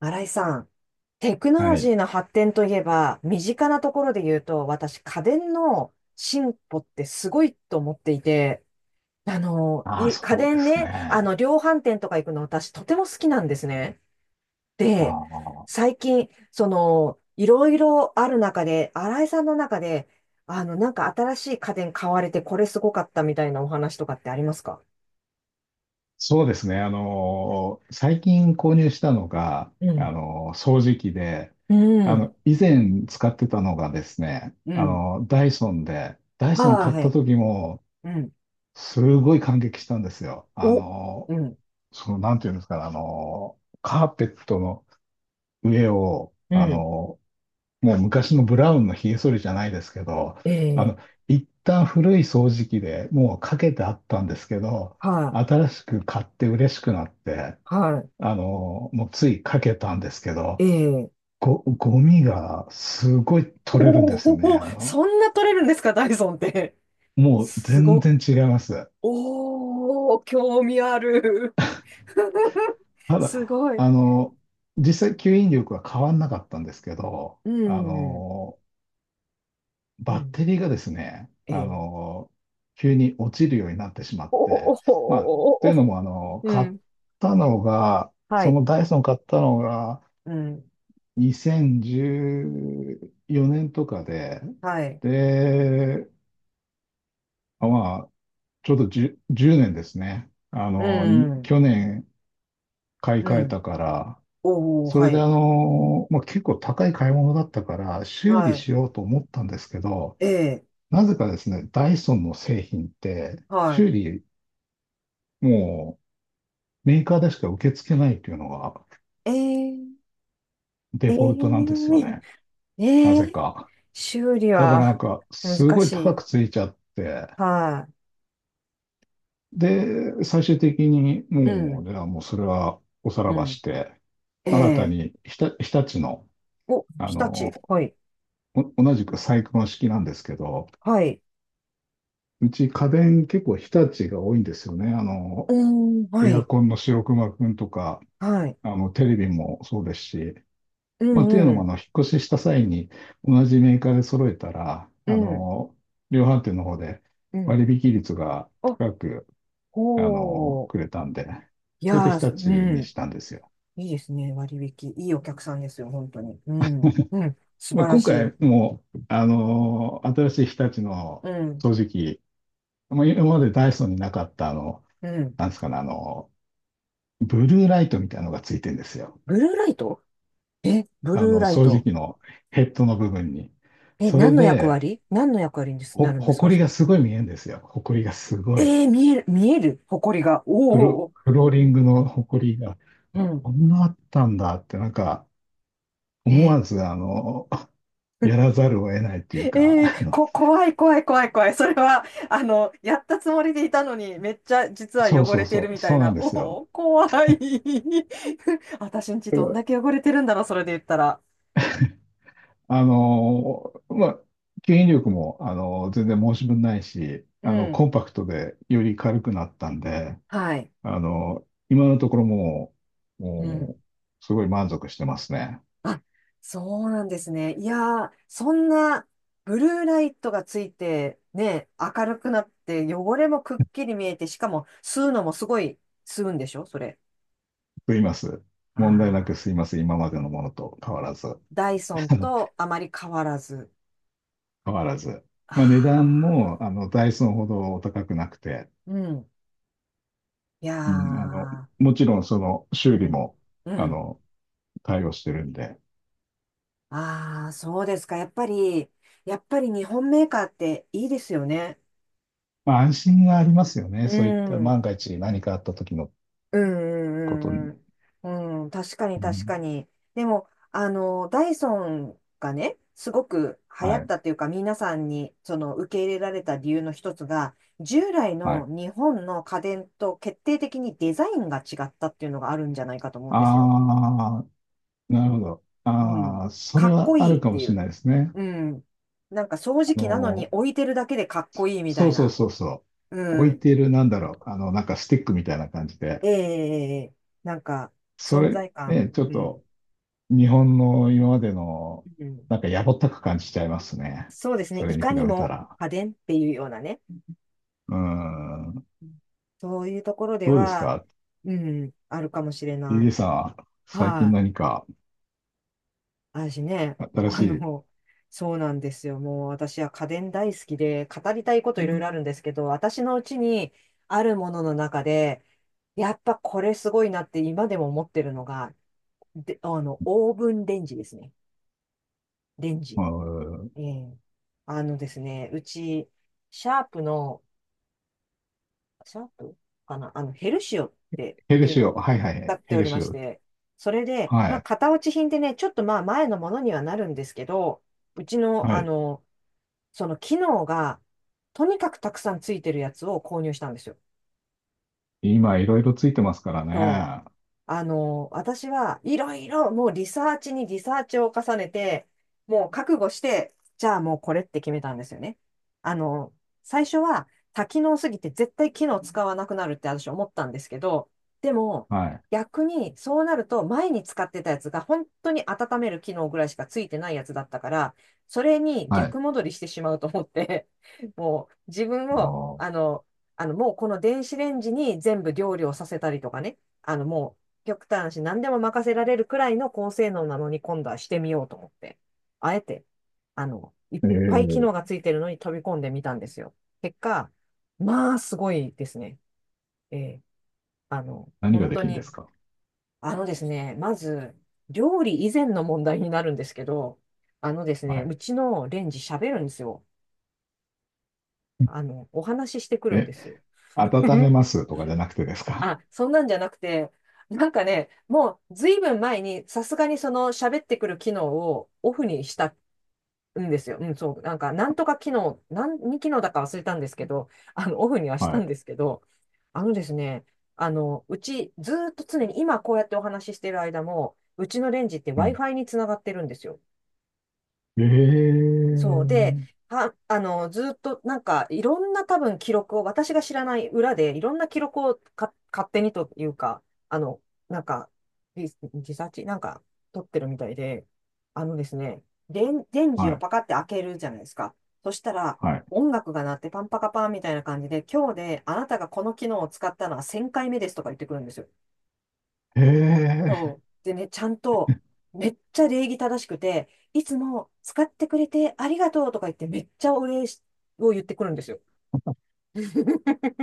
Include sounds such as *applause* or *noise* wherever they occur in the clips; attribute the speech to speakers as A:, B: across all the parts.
A: 新井さん、テクノ
B: は
A: ロジ
B: い。
A: ーの発展といえば、身近なところで言うと、私、家電の進歩ってすごいと思っていて、
B: ああ、
A: 家
B: そうで
A: 電
B: す
A: ね、
B: ね。
A: 量販店とか行くの私、とても好きなんですね。で、
B: ああ、
A: 最近、いろいろある中で、新井さんの中で、なんか新しい家電買われて、これすごかったみたいなお話とかってありますか？
B: そうですね。最近購入したのが、
A: うん。
B: 掃除機で、
A: う
B: あ
A: ん。
B: の、以前使ってたのがですね、
A: う
B: あ
A: ん。
B: のダイソンで、ダイ
A: あ
B: ソン
A: あ、
B: 買っ
A: は
B: た
A: い。
B: 時も、
A: うん。
B: すごい感激したんですよ。
A: お。うん。
B: その、なんていうんですかね、カーペットの上を、
A: う
B: あ
A: ん。
B: のもう昔のブラウンのひげ剃りじゃないですけど、あの、
A: ええ、
B: 一旦古い掃除機でもうかけてあったんですけど、
A: はい、
B: 新しく買って嬉しくなって、
A: は
B: あの、もうついかけたんですけ
A: い、え
B: ど、
A: え、
B: ゴミがすごい取れるんですよね。
A: おお、
B: あの、
A: そんな取れるんですか、ダイソンって。
B: もう
A: す
B: 全
A: ご
B: 然違います。
A: おお、興味ある。*laughs*
B: た
A: す
B: だ、
A: ごい。
B: あの、実際吸引力は変わんなかったんですけど、
A: う
B: あ
A: ん、
B: の、
A: う
B: バッ
A: ん、
B: テリーがですね、
A: え
B: あ
A: え、
B: の、急に落ちるようになってしまっ
A: おお、
B: て、まあ、
A: お
B: とい
A: お、
B: うのも、あの、
A: う
B: 買っ
A: ん。
B: たのが、
A: は
B: そ
A: い。
B: のダイソン買ったのが
A: うん。
B: 2014年とかで、
A: はい。
B: で、まあ、ちょうど10、1年ですね。あ
A: う
B: の、に
A: ん。
B: 去年買い
A: う
B: 替え
A: ん。
B: たから、
A: おお、
B: そ
A: は
B: れであ
A: い。
B: の、まあ、結構高い買い物だったから、修理
A: はい。
B: しようと思ったんですけど、
A: ええ、
B: なぜかですね、ダイソンの製品って
A: はい。
B: 修理もうメーカーでしか受け付けないというのが
A: ええ、え
B: デフォルトなんですよ
A: え、
B: ね。な
A: え
B: ぜ
A: え、
B: か。
A: 修理
B: だからなん
A: は
B: かす
A: 難
B: ごい
A: し
B: 高
A: い。
B: くついちゃって、
A: は
B: で、最終的に
A: い。う
B: もう、
A: ん。
B: じゃあもうそれはおさらば
A: う
B: して、新た
A: ん。ええ、
B: に日立の、
A: お、
B: あ
A: 日立。
B: の、
A: はい。
B: 同じくサイクロン式なんですけど、
A: はい。
B: うち家電結構日立が多いんですよね。あの、
A: うーん、は
B: エア
A: い。
B: コンの白熊くんとか、
A: はい。
B: あの、テレビもそうですし、
A: う
B: まあ、っていう
A: ん、
B: の
A: う
B: も、あ
A: ん、
B: の、引っ越しした際に同じメーカーで揃えたら、
A: う
B: あ
A: ん、
B: の、量販店の方で
A: うん。
B: 割引率が
A: あ、
B: 高く、あの、
A: ほう。
B: くれたんで、
A: い
B: それで
A: や
B: 日
A: ー、
B: 立に
A: う
B: したんですよ。
A: ん。いいですね、割引。いいお客さんですよ、本当に。うん、うん。素
B: まあ、
A: 晴ら
B: 今
A: し
B: 回
A: い。
B: も、あの、新しい日立の
A: うん、
B: 掃除機、まあ、今までダイソンになかった、あの、
A: うん。
B: なんですかね、あの、ブルーライトみたいなのがついてるんですよ。
A: ブルーライト。え、ブ
B: あ
A: ルー
B: の、
A: ライ
B: 掃除
A: ト。
B: 機のヘッドの部分に。
A: え、
B: それ
A: 何の役
B: で、
A: 割何の役割にですなるんで
B: ほ
A: す
B: こ
A: か、
B: り
A: そ
B: が
A: れ。
B: すごい見えるんですよ。ほこりがすごい。
A: えー、見える、見える、埃が。おお。
B: フローリングのほこりが、
A: うん。
B: こんなあったんだって、なんか、
A: え
B: 思わ
A: ー
B: ず、あの、や
A: *laughs*
B: らざるを得ないっていうか、
A: ええ
B: あの、
A: こ、怖い怖い怖い怖い。それは、やったつもりでいたのに、めっちゃ実は
B: そう
A: 汚
B: そ
A: れ
B: う
A: て
B: そ
A: る
B: う、
A: みた
B: そ
A: い
B: うな
A: な。
B: んです
A: お
B: よ。
A: お、怖い。*laughs* 私んち
B: だか
A: どん
B: ら、
A: だけ汚れてるんだろう、それで言ったら。
B: あの、まあ、吸引力も、あの、全然申し分ないし、
A: う
B: あの、コ
A: ん。
B: ンパクトでより軽くなったんで、
A: はい。
B: あの、今のところ
A: うん。
B: もう、すごい満足してますね。
A: あ、そうなんですね。いやー、そんなブルーライトがついて、ね、明るくなって、汚れもくっきり見えて、しかも吸うのもすごい吸うんでしょ、それ。
B: と言います。
A: あ
B: 問題なく
A: あ、
B: すいます。今までのものと変わらず。
A: ダイソンとあまり変わらず。
B: 変わらず。
A: あ
B: まあ、値段も、
A: あ。
B: あの、ダイソンほどお高くなくて、
A: うん。いや
B: うん、あの、
A: ー、
B: もちろんその修
A: う
B: 理
A: ん。
B: も、
A: う
B: あ
A: ん。
B: の、対応してるんで、
A: ああ、そうですか。やっぱり日本メーカーっていいですよね。
B: まあ、安心がありますよ
A: う
B: ね。そういった
A: ん。
B: 万が一何かあった時の
A: うんう
B: こと
A: ん
B: に。
A: うんうん。うん。確かに
B: う
A: 確
B: ん、
A: かに。でも、ダイソンがね、すごく流行
B: は
A: っ
B: い、
A: たというか、皆さんにその受け入れられた理由の一つが、従来
B: は
A: の
B: い。
A: 日本の家電と決定的にデザインが違ったっていうのがあるんじゃないかと思うんですよ。
B: ああ、なるほど。
A: う
B: あ
A: ん。
B: あ、そ
A: か
B: れ
A: っ
B: は
A: こ
B: あ
A: いいっ
B: るか
A: て
B: も
A: い
B: しれ
A: う。
B: ないですね。
A: うん。なんか掃
B: あ
A: 除機なのに
B: の、
A: 置いてるだけでかっこいいみ
B: そ
A: た
B: う
A: い
B: そう
A: な。
B: そうそう。
A: う
B: 置い
A: ん。
B: てる、なんだろう、あの、なんかスティックみたいな感じで、
A: ええええええ、なんか、
B: そ
A: 存
B: れ、
A: 在感。
B: ね、ちょっ
A: うん。
B: と、日本の今までの、
A: うん。
B: なんかやぼったく感じちゃいますね。
A: そうですね。
B: それ
A: い
B: に比
A: かに
B: べた
A: も
B: ら。
A: 家電っていうようなね。
B: うん。
A: うん、そういうところで
B: どうです
A: は、
B: か？
A: うん、あるかもしれない。
B: TJ さん最近
A: はい。
B: 何か
A: 私ね、*laughs*
B: 新し
A: あ
B: い、
A: の、そうなんですよ。もう私は家電大好きで、語りたいこといろいろあるんですけど、私のうちにあるものの中で、やっぱこれすごいなって今でも思ってるのが、で、オーブンレンジですね。レン
B: う
A: ジ。
B: ん、
A: ええ、あのですね、うち、シャープの、シャープかな、ヘルシオって
B: ヘ
A: い
B: ル
A: う
B: シ
A: の
B: オ、
A: を
B: はいは
A: 使
B: い、
A: って
B: ヘ
A: お
B: ル
A: りま
B: シ
A: し
B: オ。
A: て、それで、
B: は
A: まあ、
B: い、
A: 型落ち品でね、ちょっとまあ、前のものにはなるんですけど、うちの、
B: はい。
A: その機能が、とにかくたくさんついてるやつを購入したんですよ。
B: 今、いろいろついてますから
A: そう。
B: ね。
A: 私はいろいろもうリサーチにリサーチを重ねて、もう覚悟して、じゃあもうこれって決めたんですよね。あの、最初は多機能すぎて絶対機能使わなくなるって私思ったんですけど、でも
B: はい、
A: 逆にそうなると前に使ってたやつが本当に温める機能ぐらいしかついてないやつだったから、それに
B: はい。
A: 逆戻りしてしまうと思って、*laughs* もう自分
B: あ
A: を、
B: ー
A: あの、あのもうこの電子レンジに全部料理をさせたりとかね、もう極端だし、何でも任せられるくらいの高性能なのに今度はしてみようと思って、あえて、いっ
B: え
A: ぱい機
B: ー、
A: 能がついてるのに飛び込んでみたんですよ。結果、まあ、すごいですね。ええ、
B: 何が
A: 本
B: で
A: 当
B: きるんで
A: に、
B: すか？
A: あのですね、まず、料理以前の問題になるんですけど、あのです
B: は
A: ね、
B: い。
A: うちのレンジ喋るんですよ。お話ししてくるん
B: え、
A: です。
B: 温め
A: *laughs*
B: ますとかじゃなくてですか？
A: あ、そんなんじゃなくて、なんかね、もうずいぶん前にさすがにその喋ってくる機能をオフにしたんですよ。うん、そう、なんかなんとか機能、何機能だか忘れたんですけど、オフにはした
B: はい。
A: んですけど、あのですね、あの、うちずーっと常に今こうやってお話ししてる間も、うちのレンジって
B: はい。
A: Wi-Fi につながってるんですよ。
B: え
A: そうで、
B: ー、
A: は、あの、ずっとなんかいろんな多分記録を、私が知らない裏でいろんな記録をか勝手にというか、あの、なんか、リリサーチなんか取ってるみたいで、あのですね、電池
B: は
A: を
B: い、
A: パカって開けるじゃないですか。そしたら、
B: はい。
A: 音楽が鳴ってパンパカパンみたいな感じで、今日であなたがこの機能を使ったのは1000回目ですとか言ってくるんですよ。
B: えー
A: そう。でね、ちゃんと、めっちゃ礼儀正しくて、いつも使ってくれてありがとうとか言って、めっちゃお礼しを言ってくるんですよ。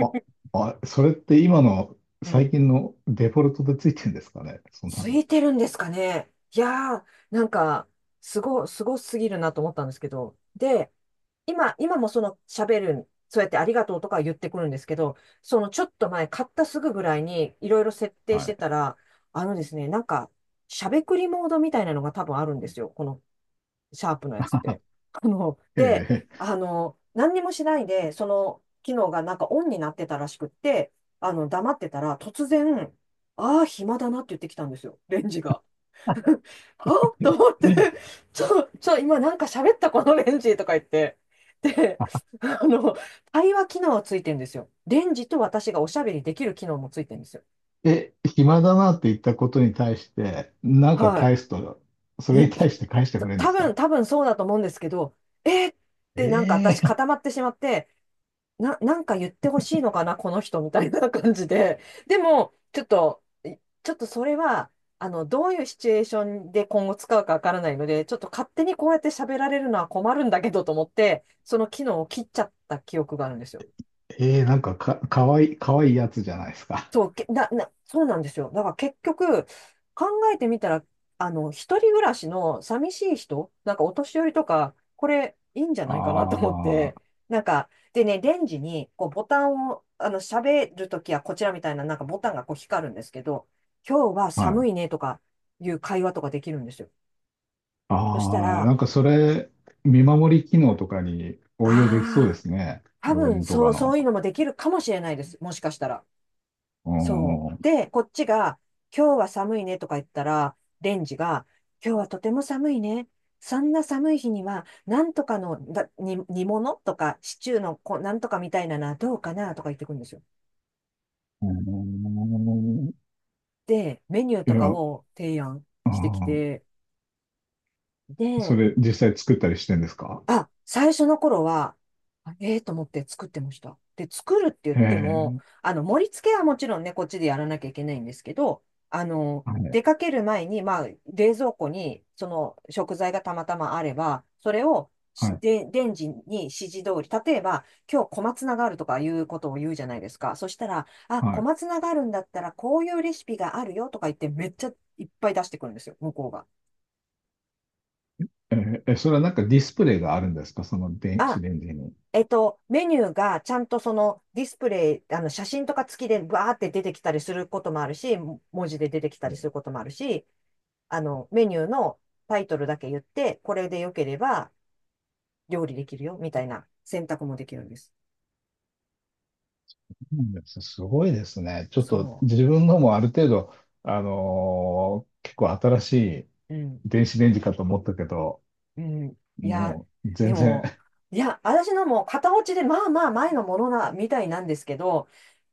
B: あ、あ、それって今の
A: う
B: 最
A: ん。
B: 近のデフォルトでついてるんですかね。そんな
A: つ
B: の。
A: いてるんですかね。いやー、なんか、すごすぎるなと思ったんですけど。で、今、今、もその喋る、そうやってありがとうとか言ってくるんですけど、そのちょっと前、買ったすぐぐらいにいろいろ設定し
B: は
A: て
B: い。
A: たら、あのですね、なんか、しゃべくりモードみたいなのが多分あるんですよ。このシャープのやつって。で、
B: え
A: 何にもしないで、その機能がなんかオンになってたらしくって、黙ってたら、突然、ああ、暇だなって言ってきたんですよ、レンジが。*laughs* あと思って、ちょ、ちょ、今なんか喋ったこのレンジとか言って。で、あの、対話機能はついてんですよ。レンジと私がおしゃべりできる機能もついてんですよ。
B: ええ、暇だなって言ったことに対して、なんか
A: は
B: 返すと、そ
A: い。
B: れ
A: え、
B: に対して返して
A: た
B: くれるんで
A: 多
B: す
A: 分、
B: か？
A: 多分そうだと思うんですけど、えーってなんか
B: え
A: 私
B: え
A: 固まってしまって、なんか言ってほしいのかな、この人みたいな感じで。でも、ちょっとそれは、どういうシチュエーションで今後使うかわからないので、ちょっと勝手にこうやって喋られるのは困るんだけどと思って、その機能を切っちゃった記憶があるんですよ。
B: ええかわいい、かわいいやつじゃないですか。
A: そう、けな、な、そうなんですよ。だから結局、考えてみたら、一人暮らしの寂しい人、なんかお年寄りとか、これいいんじゃないかなと思っ
B: あ
A: て、
B: あ、
A: なんか、でね、レンジにこうボタンを、喋るときはこちらみたいな、なんかボタンがこう光るんですけど、今日は
B: は
A: 寒
B: い。
A: いねとかいう会話とかできるんですよ。そした
B: ああ、
A: ら、
B: なんかそれ、見守り機能とかに応用できそうで
A: ああ、
B: すね。
A: 多
B: 老
A: 分
B: 人と
A: そ
B: か
A: う、そ
B: の。
A: ういうのもできるかもしれないです。もしかしたら。
B: うー
A: そ
B: ん。う
A: う。で、こっちが、今日は寒いねとか言ったら、レンジが、今日はとても寒いね。そんな寒い日には、なんとかのだ煮、煮物とか、シチューのこうなんとかみたいなのはどうかなとか言ってくるんですよ。
B: ーん
A: で、メニュー
B: い
A: とか
B: や、
A: を提案
B: あ
A: してき
B: ー
A: て、
B: そ
A: で、
B: れ実際作ったりしてんですか？
A: あ、最初の頃は、あええと思って作ってました。で、作るって言っ
B: へ
A: ても、
B: え、
A: あの、盛り付けはもちろんね、こっちでやらなきゃいけないんですけど、あの、
B: はい、
A: 出かける前に、まあ、冷蔵庫にその食材がたまたまあれば、それを
B: は
A: し
B: い、
A: で、レンジに指示通り、例えば、今日小松菜があるとかいうことを言うじゃないですか。そしたら、あ、
B: は
A: 小
B: い。
A: 松菜があるんだったら、こういうレシピがあるよとか言って、めっちゃいっぱい出してくるんですよ、向こうが。
B: えーえそれはなんかディスプレイがあるんですかその電子
A: あ、
B: レンジに。
A: メニューがちゃんとそのディスプレイ、あの写真とか付きでバーって出てきたりすることもあるし、文字で出てきたりす
B: そ
A: ることもあるし、あの、メニューのタイトルだけ言って、これで良ければ料理できるよ、みたいな選択もできるんです。
B: うなんですすごいですね。ちょっと
A: そ
B: 自分のもある程度、結構新しい
A: う。うん。
B: 電子レンジかと思ったけど、
A: うん。いや、
B: もう
A: で
B: 全然、
A: も、いや、私のも片落ちで、まあまあ前のものな、みたいなんですけど、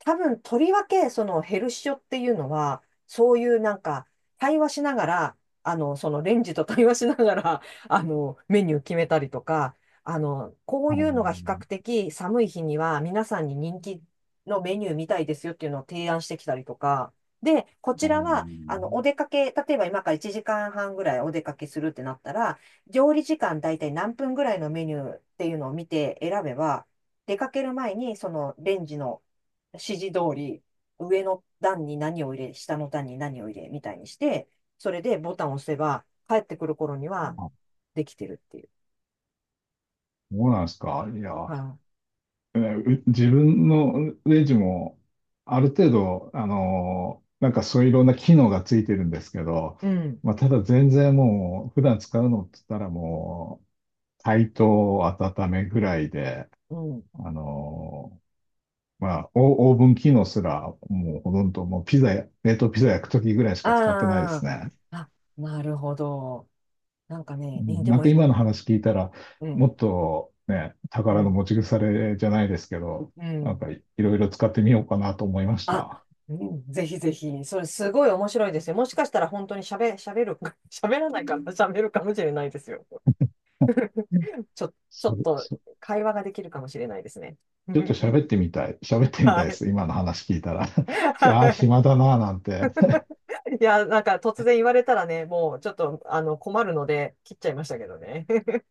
A: 多分、とりわけ、そのヘルシオっていうのは、そういうなんか、対話しながら、あの、そのレンジと対話しながら、あの、メニュー決めたりとか、あの、こう
B: あ
A: い
B: のー
A: うのが比較的寒い日には皆さんに人気のメニューみたいですよっていうのを提案してきたりとか、で、こ
B: あ
A: ち
B: の
A: らは、あの、
B: ー
A: お出かけ、例えば今から1時間半ぐらいお出かけするってなったら、料理時間大体何分ぐらいのメニューっていうのを見て選べば、出かける前にそのレンジの指示通り、上の段に何を入れ、下の段に何を入れみたいにして、それでボタンを押せば、帰ってくる頃には
B: あ
A: できてるっていう。
B: そうなんですか。いや、
A: は
B: 自分のレジも、ある程度、あのなんかそういういろんな機能がついてるんですけど、
A: い、うん、
B: まあ、ただ全然もう、普段使うのって言ったらもう、解凍、温めぐらいで、
A: うん。
B: あのまあ、オオーブン機能すら、もうほとんどもうピザや、冷凍ピザ焼くときぐらいしか使ってないで
A: あ
B: す
A: あ、
B: ね。
A: あ、なるほど。なんか
B: う
A: ね、い
B: ん
A: で
B: なん
A: も
B: か
A: い、
B: 今の話聞いたら、
A: うん、
B: もっとね、
A: う
B: 宝の
A: ん、
B: 持ち腐れじゃないですけど、
A: うん。
B: いろいろ使ってみようかなと思いまし
A: あ、
B: た。
A: うんぜひぜひ、それすごい面白いですよ。もしかしたら本当に喋、喋る、*laughs* 喋らないかな、喋るかもしれないですよ。*laughs* ちょ、ちょ
B: そ
A: っ
B: れ
A: と
B: そ
A: 会話ができるかもしれないですね。
B: ちょっと喋っ
A: *laughs*
B: てみたい。喋ってみた
A: は
B: いで
A: い。
B: す。今の話聞いたら。*laughs* ああ、
A: は
B: 暇だなぁなんて。
A: い。*laughs* いや、なんか突然言われたらね、もうちょっとあの困るので切っちゃいましたけどね。*laughs*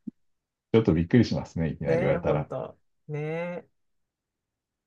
B: ちょっとびっくりしますね。いきな
A: ね
B: り言わ
A: え、
B: れた
A: 本
B: ら。
A: 当。ねえ。